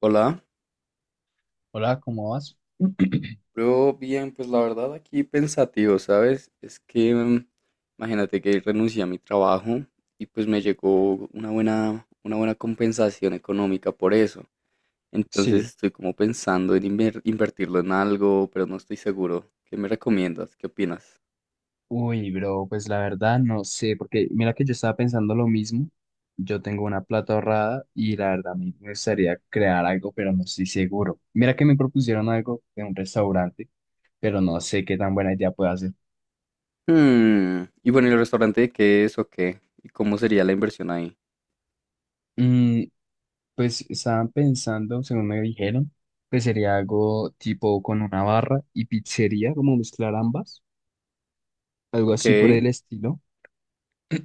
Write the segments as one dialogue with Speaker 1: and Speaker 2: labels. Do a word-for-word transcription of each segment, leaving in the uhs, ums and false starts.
Speaker 1: Hola,
Speaker 2: Hola, ¿cómo vas?
Speaker 1: yo bien, pues la verdad aquí pensativo, ¿sabes? Es que mm, imagínate que renuncié a mi trabajo y pues me llegó una buena, una buena compensación económica por eso. Entonces
Speaker 2: Sí.
Speaker 1: estoy como pensando en inver- invertirlo en algo, pero no estoy seguro. ¿Qué me recomiendas? ¿Qué opinas?
Speaker 2: Uy, bro, pues la verdad no sé, porque mira que yo estaba pensando lo mismo. Yo tengo una plata ahorrada y la verdad me me gustaría crear algo, pero no estoy seguro. Mira que me propusieron algo de un restaurante, pero no sé qué tan buena idea puede hacer.
Speaker 1: Hmm, Y bueno, ¿y el restaurante de qué es o qué? ¿Y cómo sería la inversión ahí?
Speaker 2: Mm, pues estaban pensando, según me dijeron, que sería algo tipo con una barra y pizzería, como mezclar ambas, algo
Speaker 1: Ok,
Speaker 2: así por el estilo.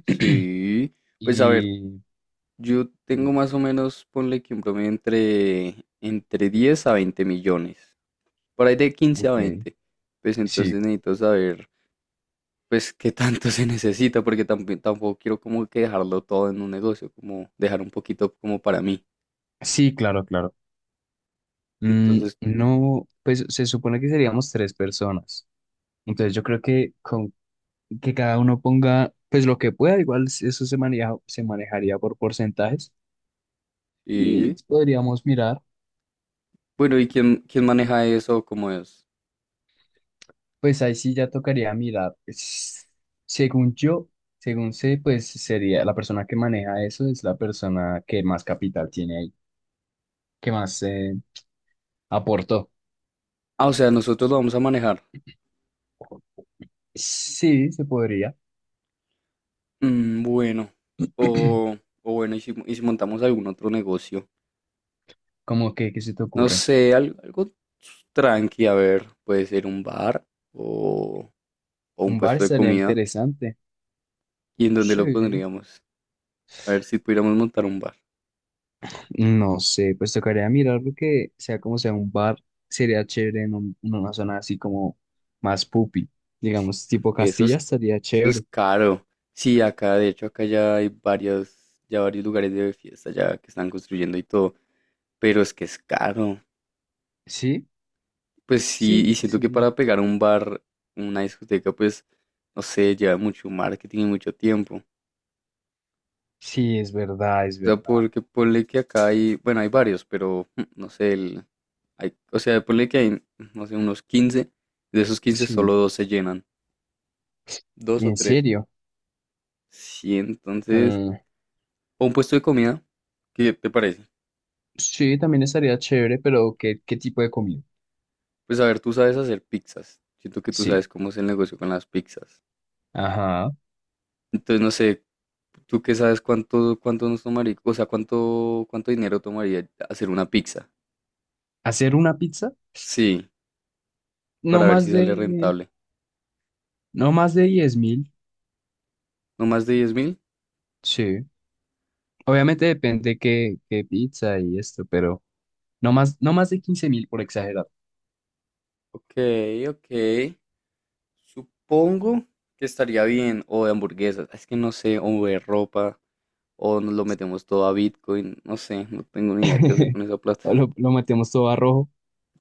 Speaker 1: sí. Pues a ver,
Speaker 2: Y
Speaker 1: Yo tengo
Speaker 2: dime,
Speaker 1: más o menos, ponle que un promedio entre, entre diez a veinte millones, por ahí de quince a
Speaker 2: ok,
Speaker 1: veinte. Pues
Speaker 2: sí,
Speaker 1: entonces necesito saber, pues, qué tanto se necesita, porque tampoco, tampoco quiero como que dejarlo todo en un negocio, como dejar un poquito como para mí.
Speaker 2: sí, claro, claro. Mm,
Speaker 1: Entonces,
Speaker 2: no, pues se supone que seríamos tres personas. Entonces yo creo que con que cada uno ponga pues lo que pueda, igual eso se maneja, se manejaría por porcentajes y
Speaker 1: sí.
Speaker 2: podríamos mirar,
Speaker 1: Bueno, ¿y quién, quién maneja eso? ¿Cómo es?
Speaker 2: pues ahí sí ya tocaría mirar. Es- Según yo, según sé, pues sería la persona que maneja eso es la persona que más capital tiene ahí, que más eh, aportó.
Speaker 1: Ah, o sea, nosotros lo vamos a manejar.
Speaker 2: Sí, se podría.
Speaker 1: Mm, bueno. O, o bueno, ¿y si, y si montamos algún otro negocio?
Speaker 2: Como que, ¿qué se te
Speaker 1: No
Speaker 2: ocurre?
Speaker 1: sé, al- algo, tranqui, a ver, puede ser un bar o, o un
Speaker 2: Un bar
Speaker 1: puesto de
Speaker 2: estaría
Speaker 1: comida.
Speaker 2: interesante.
Speaker 1: ¿Y en dónde lo
Speaker 2: Sí.
Speaker 1: pondríamos? A ver si pudiéramos montar un bar.
Speaker 2: No sé, pues tocaría mirar porque sea como sea un bar, sería chévere en, un- en una zona así como más pupi, digamos, tipo
Speaker 1: Eso
Speaker 2: Castilla
Speaker 1: es,
Speaker 2: estaría
Speaker 1: eso es
Speaker 2: chévere.
Speaker 1: caro. Sí, acá, de hecho, acá ya hay varios, ya varios lugares de fiesta ya que están construyendo y todo, pero es que es caro.
Speaker 2: Sí,
Speaker 1: Pues sí, y
Speaker 2: sí,
Speaker 1: siento que
Speaker 2: sí,
Speaker 1: para pegar un bar, una discoteca, pues, no sé, lleva mucho marketing y mucho tiempo.
Speaker 2: sí, es verdad, es
Speaker 1: O sea,
Speaker 2: verdad.
Speaker 1: porque ponle que acá hay, bueno, hay varios, pero mm, no sé, el, Hay, o sea, ponle que hay, no sé, unos quince. De esos quince,
Speaker 2: Sí,
Speaker 1: solo dos se llenan. Dos o
Speaker 2: en
Speaker 1: tres.
Speaker 2: serio.
Speaker 1: Sí, entonces,
Speaker 2: Mm,
Speaker 1: o un puesto de comida, ¿qué te parece?
Speaker 2: sí, también estaría chévere, pero ¿qué, qué tipo de comida?
Speaker 1: Pues a ver, tú sabes hacer pizzas. Siento que tú
Speaker 2: Sí,
Speaker 1: sabes cómo es el negocio con las pizzas.
Speaker 2: ajá.
Speaker 1: Entonces, no sé, tú qué sabes cuánto, cuánto nos tomaría, o sea, cuánto, cuánto dinero tomaría hacer una pizza.
Speaker 2: ¿Hacer una pizza?
Speaker 1: Sí,
Speaker 2: No
Speaker 1: para ver
Speaker 2: más
Speaker 1: si sale
Speaker 2: de,
Speaker 1: rentable.
Speaker 2: no más de diez mil.
Speaker 1: ¿No más de diez mil?
Speaker 2: Sí, obviamente depende qué, qué pizza y esto, pero... No más, no más de quince mil por exagerar.
Speaker 1: Ok, ok. Supongo que estaría bien. O de hamburguesas. Es que no sé, o de ropa. o nos lo metemos todo a Bitcoin, no sé, no tengo ni idea qué hacer con esa plata.
Speaker 2: O Lo, lo metemos todo a rojo.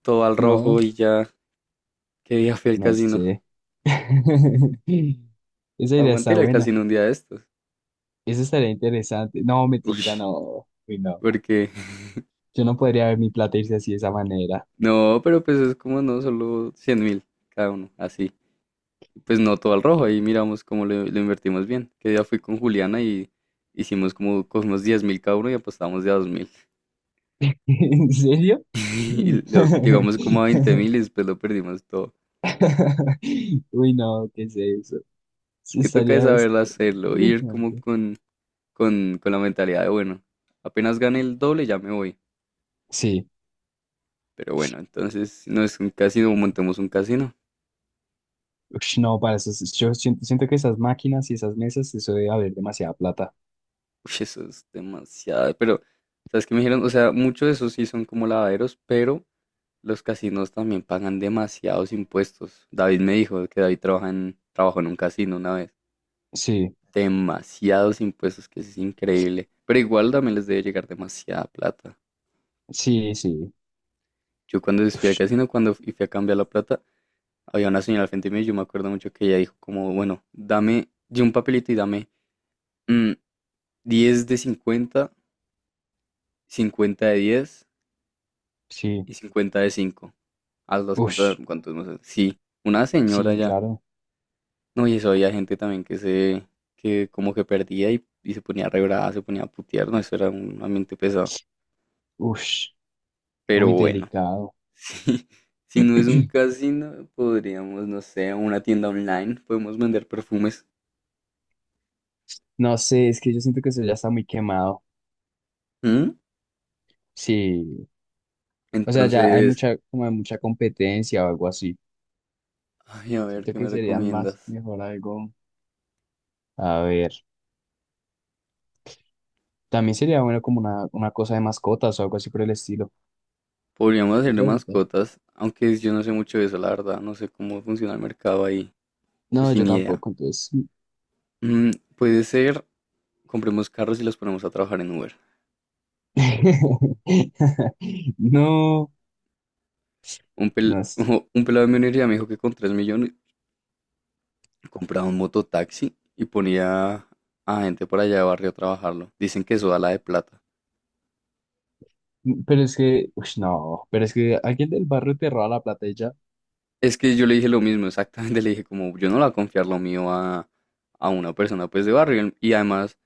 Speaker 1: Todo al rojo
Speaker 2: No,
Speaker 1: y ya, qué día fui al
Speaker 2: no
Speaker 1: casino.
Speaker 2: sé.
Speaker 1: Sí,
Speaker 2: Esa idea
Speaker 1: aguanté
Speaker 2: está
Speaker 1: ir al
Speaker 2: buena.
Speaker 1: casino un día de estos.
Speaker 2: Eso estaría interesante. No,
Speaker 1: Uy,
Speaker 2: mentira, no. Uy, no.
Speaker 1: porque
Speaker 2: Yo no podría ver mi plata irse así de esa manera.
Speaker 1: no, pero pues es como no, solo cien mil cada uno, así. Pues no todo al rojo, ahí miramos cómo lo, lo invertimos bien. Que día fui con Juliana y hicimos como, cogimos diez mil cada uno y apostamos de a dos mil.
Speaker 2: ¿En serio?
Speaker 1: Y lo- llegamos como a veinte mil y después lo perdimos todo.
Speaker 2: Uy, no, ¿qué es eso?
Speaker 1: Es
Speaker 2: Sí,
Speaker 1: que toca es
Speaker 2: estaría es-
Speaker 1: saberlo hacerlo, ir como
Speaker 2: interesante.
Speaker 1: con con, con la mentalidad de, bueno, apenas gane el doble ya me voy.
Speaker 2: Sí.
Speaker 1: Pero bueno, entonces no es un casino, montemos un casino.
Speaker 2: Ush, no, para eso, yo siento, siento que esas máquinas y esas mesas, eso debe haber demasiada plata.
Speaker 1: Uy, eso es demasiado. Pero, ¿sabes qué me dijeron? O sea, muchos de esos sí son como lavaderos, pero los casinos también pagan demasiados impuestos. David me dijo que David trabaja en, trabajó en un casino una vez.
Speaker 2: Sí.
Speaker 1: Demasiados impuestos, que es increíble. Pero igual también les debe llegar demasiada plata.
Speaker 2: Sí, sí.
Speaker 1: Yo cuando fui al
Speaker 2: Ush,
Speaker 1: casino, cuando fui a cambiar la plata, había una señora al frente mío y yo me acuerdo mucho que ella dijo como, bueno, dame, di un papelito y dame mm, diez de cincuenta, cincuenta de diez
Speaker 2: sí.
Speaker 1: y cincuenta de cinco. Haz las cuentas a
Speaker 2: Ush,
Speaker 1: ver cuántos, no sé. Sí, una señora
Speaker 2: sí,
Speaker 1: ya.
Speaker 2: claro.
Speaker 1: No, y eso había gente también que se, que como que perdía y, y se ponía re brava, se ponía a putear, no, eso era un ambiente pesado.
Speaker 2: Ush,
Speaker 1: Pero
Speaker 2: uy,
Speaker 1: bueno,
Speaker 2: delicado.
Speaker 1: sí. Si no es un casino, podríamos, no sé, una tienda online, podemos vender perfumes.
Speaker 2: No sé, es que yo siento que eso ya está muy quemado.
Speaker 1: ¿Mm?
Speaker 2: Sí. O sea, ya hay
Speaker 1: Entonces,
Speaker 2: mucha, como hay mucha competencia o algo así.
Speaker 1: ay, a ver,
Speaker 2: Siento
Speaker 1: ¿qué me
Speaker 2: que serían más,
Speaker 1: recomiendas?
Speaker 2: mejor algo. A ver. También sería bueno como una, una cosa de mascotas o algo así por el estilo.
Speaker 1: Podríamos hacer
Speaker 2: Eso
Speaker 1: de
Speaker 2: ahorita.
Speaker 1: mascotas, aunque yo no sé mucho de eso, la verdad. No sé cómo funciona el mercado ahí. Eso
Speaker 2: No, yo
Speaker 1: sin idea.
Speaker 2: tampoco, entonces.
Speaker 1: Mm, puede ser, compremos carros y los ponemos a trabajar en Uber.
Speaker 2: No,
Speaker 1: Un, pel-
Speaker 2: no es.
Speaker 1: un pelado de mi universidad me dijo que con tres millones compraba un mototaxi y ponía a gente por allá de barrio a trabajarlo. Dicen que eso da la de plata.
Speaker 2: Pero es que, ush, no. Pero es que alguien del barrio te roba la plata y ya.
Speaker 1: Es que yo le dije lo mismo, exactamente. Le dije como, yo no le voy a confiar lo mío a, a una persona pues de barrio. Y además.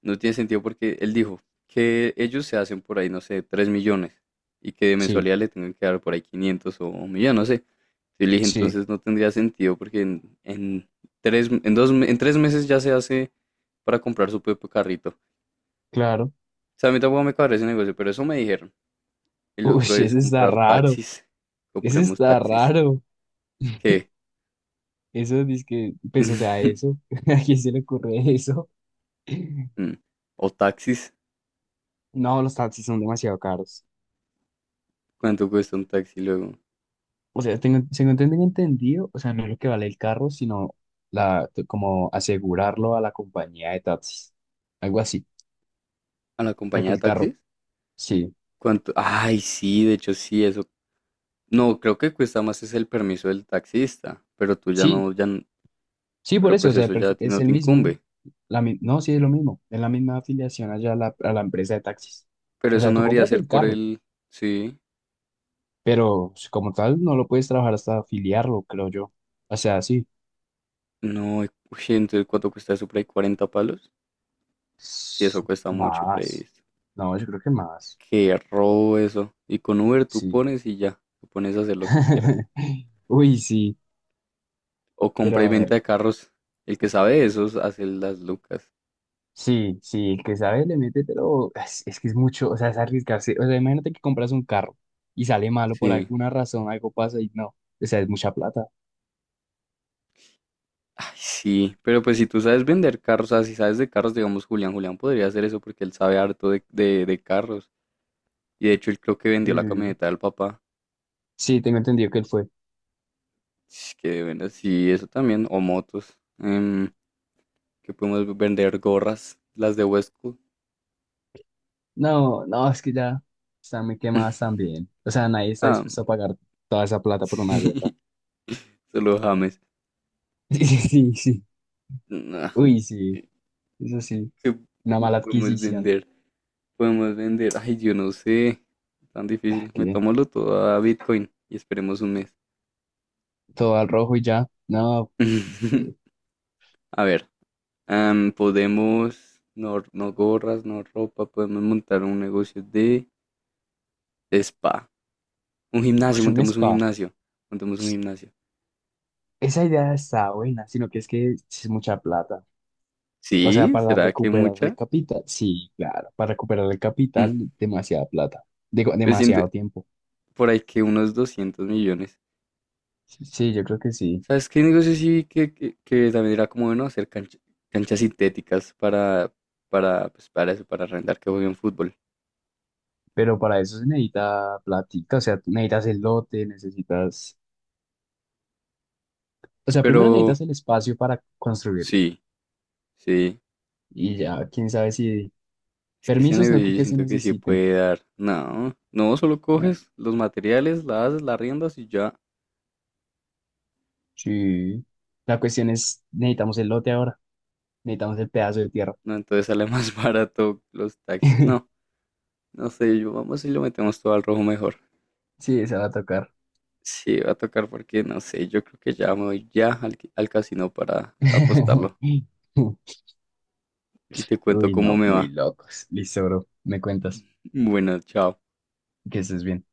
Speaker 1: No tiene sentido porque él dijo que ellos se hacen por ahí, no sé, tres millones y que de
Speaker 2: Sí.
Speaker 1: mensualidad le tengan que dar por ahí quinientos o un millón, no sé. Yo le dije,
Speaker 2: Sí,
Speaker 1: entonces no tendría sentido porque en, en tres, en, dos, me- en tres meses ya se hace para comprar su propio carrito. O
Speaker 2: claro.
Speaker 1: sea, a mí tampoco me cabré ese negocio, pero eso me dijeron. El
Speaker 2: Uy,
Speaker 1: otro es
Speaker 2: ese está
Speaker 1: comprar
Speaker 2: raro.
Speaker 1: taxis.
Speaker 2: Ese
Speaker 1: Compremos
Speaker 2: está
Speaker 1: taxis.
Speaker 2: raro.
Speaker 1: ¿Qué?
Speaker 2: Eso dice que, pues, o sea, eso. ¿A quién se le ocurre eso?
Speaker 1: Mm. O taxis.
Speaker 2: No, los taxis son demasiado caros.
Speaker 1: ¿Cuánto cuesta un taxi luego?
Speaker 2: O sea, tengo, según tengo entendido, o sea, no es lo que vale el carro, sino la, como asegurarlo a la compañía de taxis. Algo así.
Speaker 1: ¿A la
Speaker 2: O sea,
Speaker 1: compañía
Speaker 2: que
Speaker 1: de
Speaker 2: el carro,
Speaker 1: taxis?
Speaker 2: sí.
Speaker 1: ¿Cuánto? Ay, sí, de hecho sí, eso. No, creo que cuesta más es el permiso del taxista, pero tú ya
Speaker 2: Sí,
Speaker 1: no, ya, n-
Speaker 2: sí, por
Speaker 1: pero
Speaker 2: eso, o
Speaker 1: pues
Speaker 2: sea,
Speaker 1: eso ya a
Speaker 2: perfe-
Speaker 1: ti
Speaker 2: es
Speaker 1: no
Speaker 2: el
Speaker 1: te
Speaker 2: mismo.
Speaker 1: incumbe.
Speaker 2: La, mi- no, sí, es lo mismo. Es la misma afiliación allá a la, a la empresa de taxis.
Speaker 1: Pero
Speaker 2: O
Speaker 1: eso
Speaker 2: sea,
Speaker 1: no
Speaker 2: tú
Speaker 1: debería
Speaker 2: compras
Speaker 1: ser
Speaker 2: el
Speaker 1: por
Speaker 2: carro.
Speaker 1: el, sí,
Speaker 2: Pero pues, como tal, no lo puedes trabajar hasta afiliarlo, creo yo. O sea, sí.
Speaker 1: no, uy, entonces ¿cuánto cuesta eso por ahí? ¿Cuarenta palos? Sí, eso
Speaker 2: S-
Speaker 1: cuesta mucho por ahí,
Speaker 2: Más.
Speaker 1: ¿viste?
Speaker 2: No, yo creo que más.
Speaker 1: Qué robo eso. Y con Uber tú
Speaker 2: Sí.
Speaker 1: pones y ya, tú pones a hacer lo que quieras.
Speaker 2: Uy, sí.
Speaker 1: O
Speaker 2: Pero
Speaker 1: compra y
Speaker 2: a
Speaker 1: venta
Speaker 2: ver.
Speaker 1: de carros, el que sabe de esos hace las lucas.
Speaker 2: Sí, sí, el que sabe le mete, pero es, es que es mucho, o sea, es arriesgarse. O sea, imagínate que compras un carro y sale malo por
Speaker 1: Sí.
Speaker 2: alguna razón, algo pasa y no. O sea, es mucha plata.
Speaker 1: Ay, sí, pero pues si tú sabes vender carros, o sea, si sabes de carros, digamos, Julián, Julián podría hacer eso porque él sabe harto de, de de carros. Y de hecho él creo que vendió la
Speaker 2: Mm.
Speaker 1: camioneta del papá.
Speaker 2: Sí, tengo entendido que él fue.
Speaker 1: Sh, Que bueno, sí, eso también. O motos. Em, que podemos vender gorras, las de Westco.
Speaker 2: No, no, es que ya están muy quemadas también. O sea, nadie está
Speaker 1: Ah,
Speaker 2: dispuesto a pagar toda esa plata por una gorra.
Speaker 1: sí. Solo James.
Speaker 2: Sí, sí, sí.
Speaker 1: Nah,
Speaker 2: Uy, sí,
Speaker 1: ¿Qué,
Speaker 2: eso sí,
Speaker 1: qué
Speaker 2: una mala
Speaker 1: podemos
Speaker 2: adquisición.
Speaker 1: vender? Podemos vender. Ay, yo no sé. Tan
Speaker 2: Ah,
Speaker 1: difícil.
Speaker 2: que
Speaker 1: Metámoslo todo a Bitcoin y esperemos un mes.
Speaker 2: todo al rojo y ya. No, es que,
Speaker 1: A ver, am, podemos, no, no gorras, no ropa, podemos montar un negocio de, de spa. Un gimnasio,
Speaker 2: ush, un
Speaker 1: montemos un
Speaker 2: spa.
Speaker 1: gimnasio. Montemos un gimnasio.
Speaker 2: Esa idea está buena, sino que es que sí es mucha plata. O sea,
Speaker 1: Sí,
Speaker 2: para
Speaker 1: ¿será que
Speaker 2: recuperar el
Speaker 1: mucha?
Speaker 2: capital, sí, claro, para recuperar el
Speaker 1: Mm,
Speaker 2: capital, demasiada plata, digo,
Speaker 1: Pues siento
Speaker 2: demasiado tiempo.
Speaker 1: por ahí que unos doscientos millones.
Speaker 2: Sí, yo creo que sí,
Speaker 1: ¿Sabes qué negocio sí vi que, que, que también era como bueno hacer cancha- canchas sintéticas para, para, pues para eso, para arrendar que jueguen fútbol?
Speaker 2: pero para eso se necesita platica, o sea, tú necesitas el lote, necesitas, o sea, primero
Speaker 1: Pero
Speaker 2: necesitas el espacio para construirlo
Speaker 1: sí, sí.
Speaker 2: y ya, quién sabe si
Speaker 1: Es que ese
Speaker 2: permisos no
Speaker 1: negocio
Speaker 2: creo
Speaker 1: yo
Speaker 2: que se
Speaker 1: siento que sí
Speaker 2: necesiten.
Speaker 1: puede dar. No, no, solo
Speaker 2: No,
Speaker 1: coges los materiales, la haces, la riendas y ya.
Speaker 2: sí. La cuestión es, necesitamos el lote ahora, necesitamos el pedazo de tierra.
Speaker 1: No, entonces sale más barato los taxis. No, no sé, yo vamos y lo metemos todo al rojo mejor.
Speaker 2: Sí, se va a tocar.
Speaker 1: Sí, va a tocar porque no sé, yo creo que ya me voy ya al, al casino para apostarlo y te cuento
Speaker 2: Uy,
Speaker 1: cómo
Speaker 2: no,
Speaker 1: me
Speaker 2: muy
Speaker 1: va.
Speaker 2: locos. Listo, bro. Me cuentas
Speaker 1: Bueno, chao.
Speaker 2: que estés bien.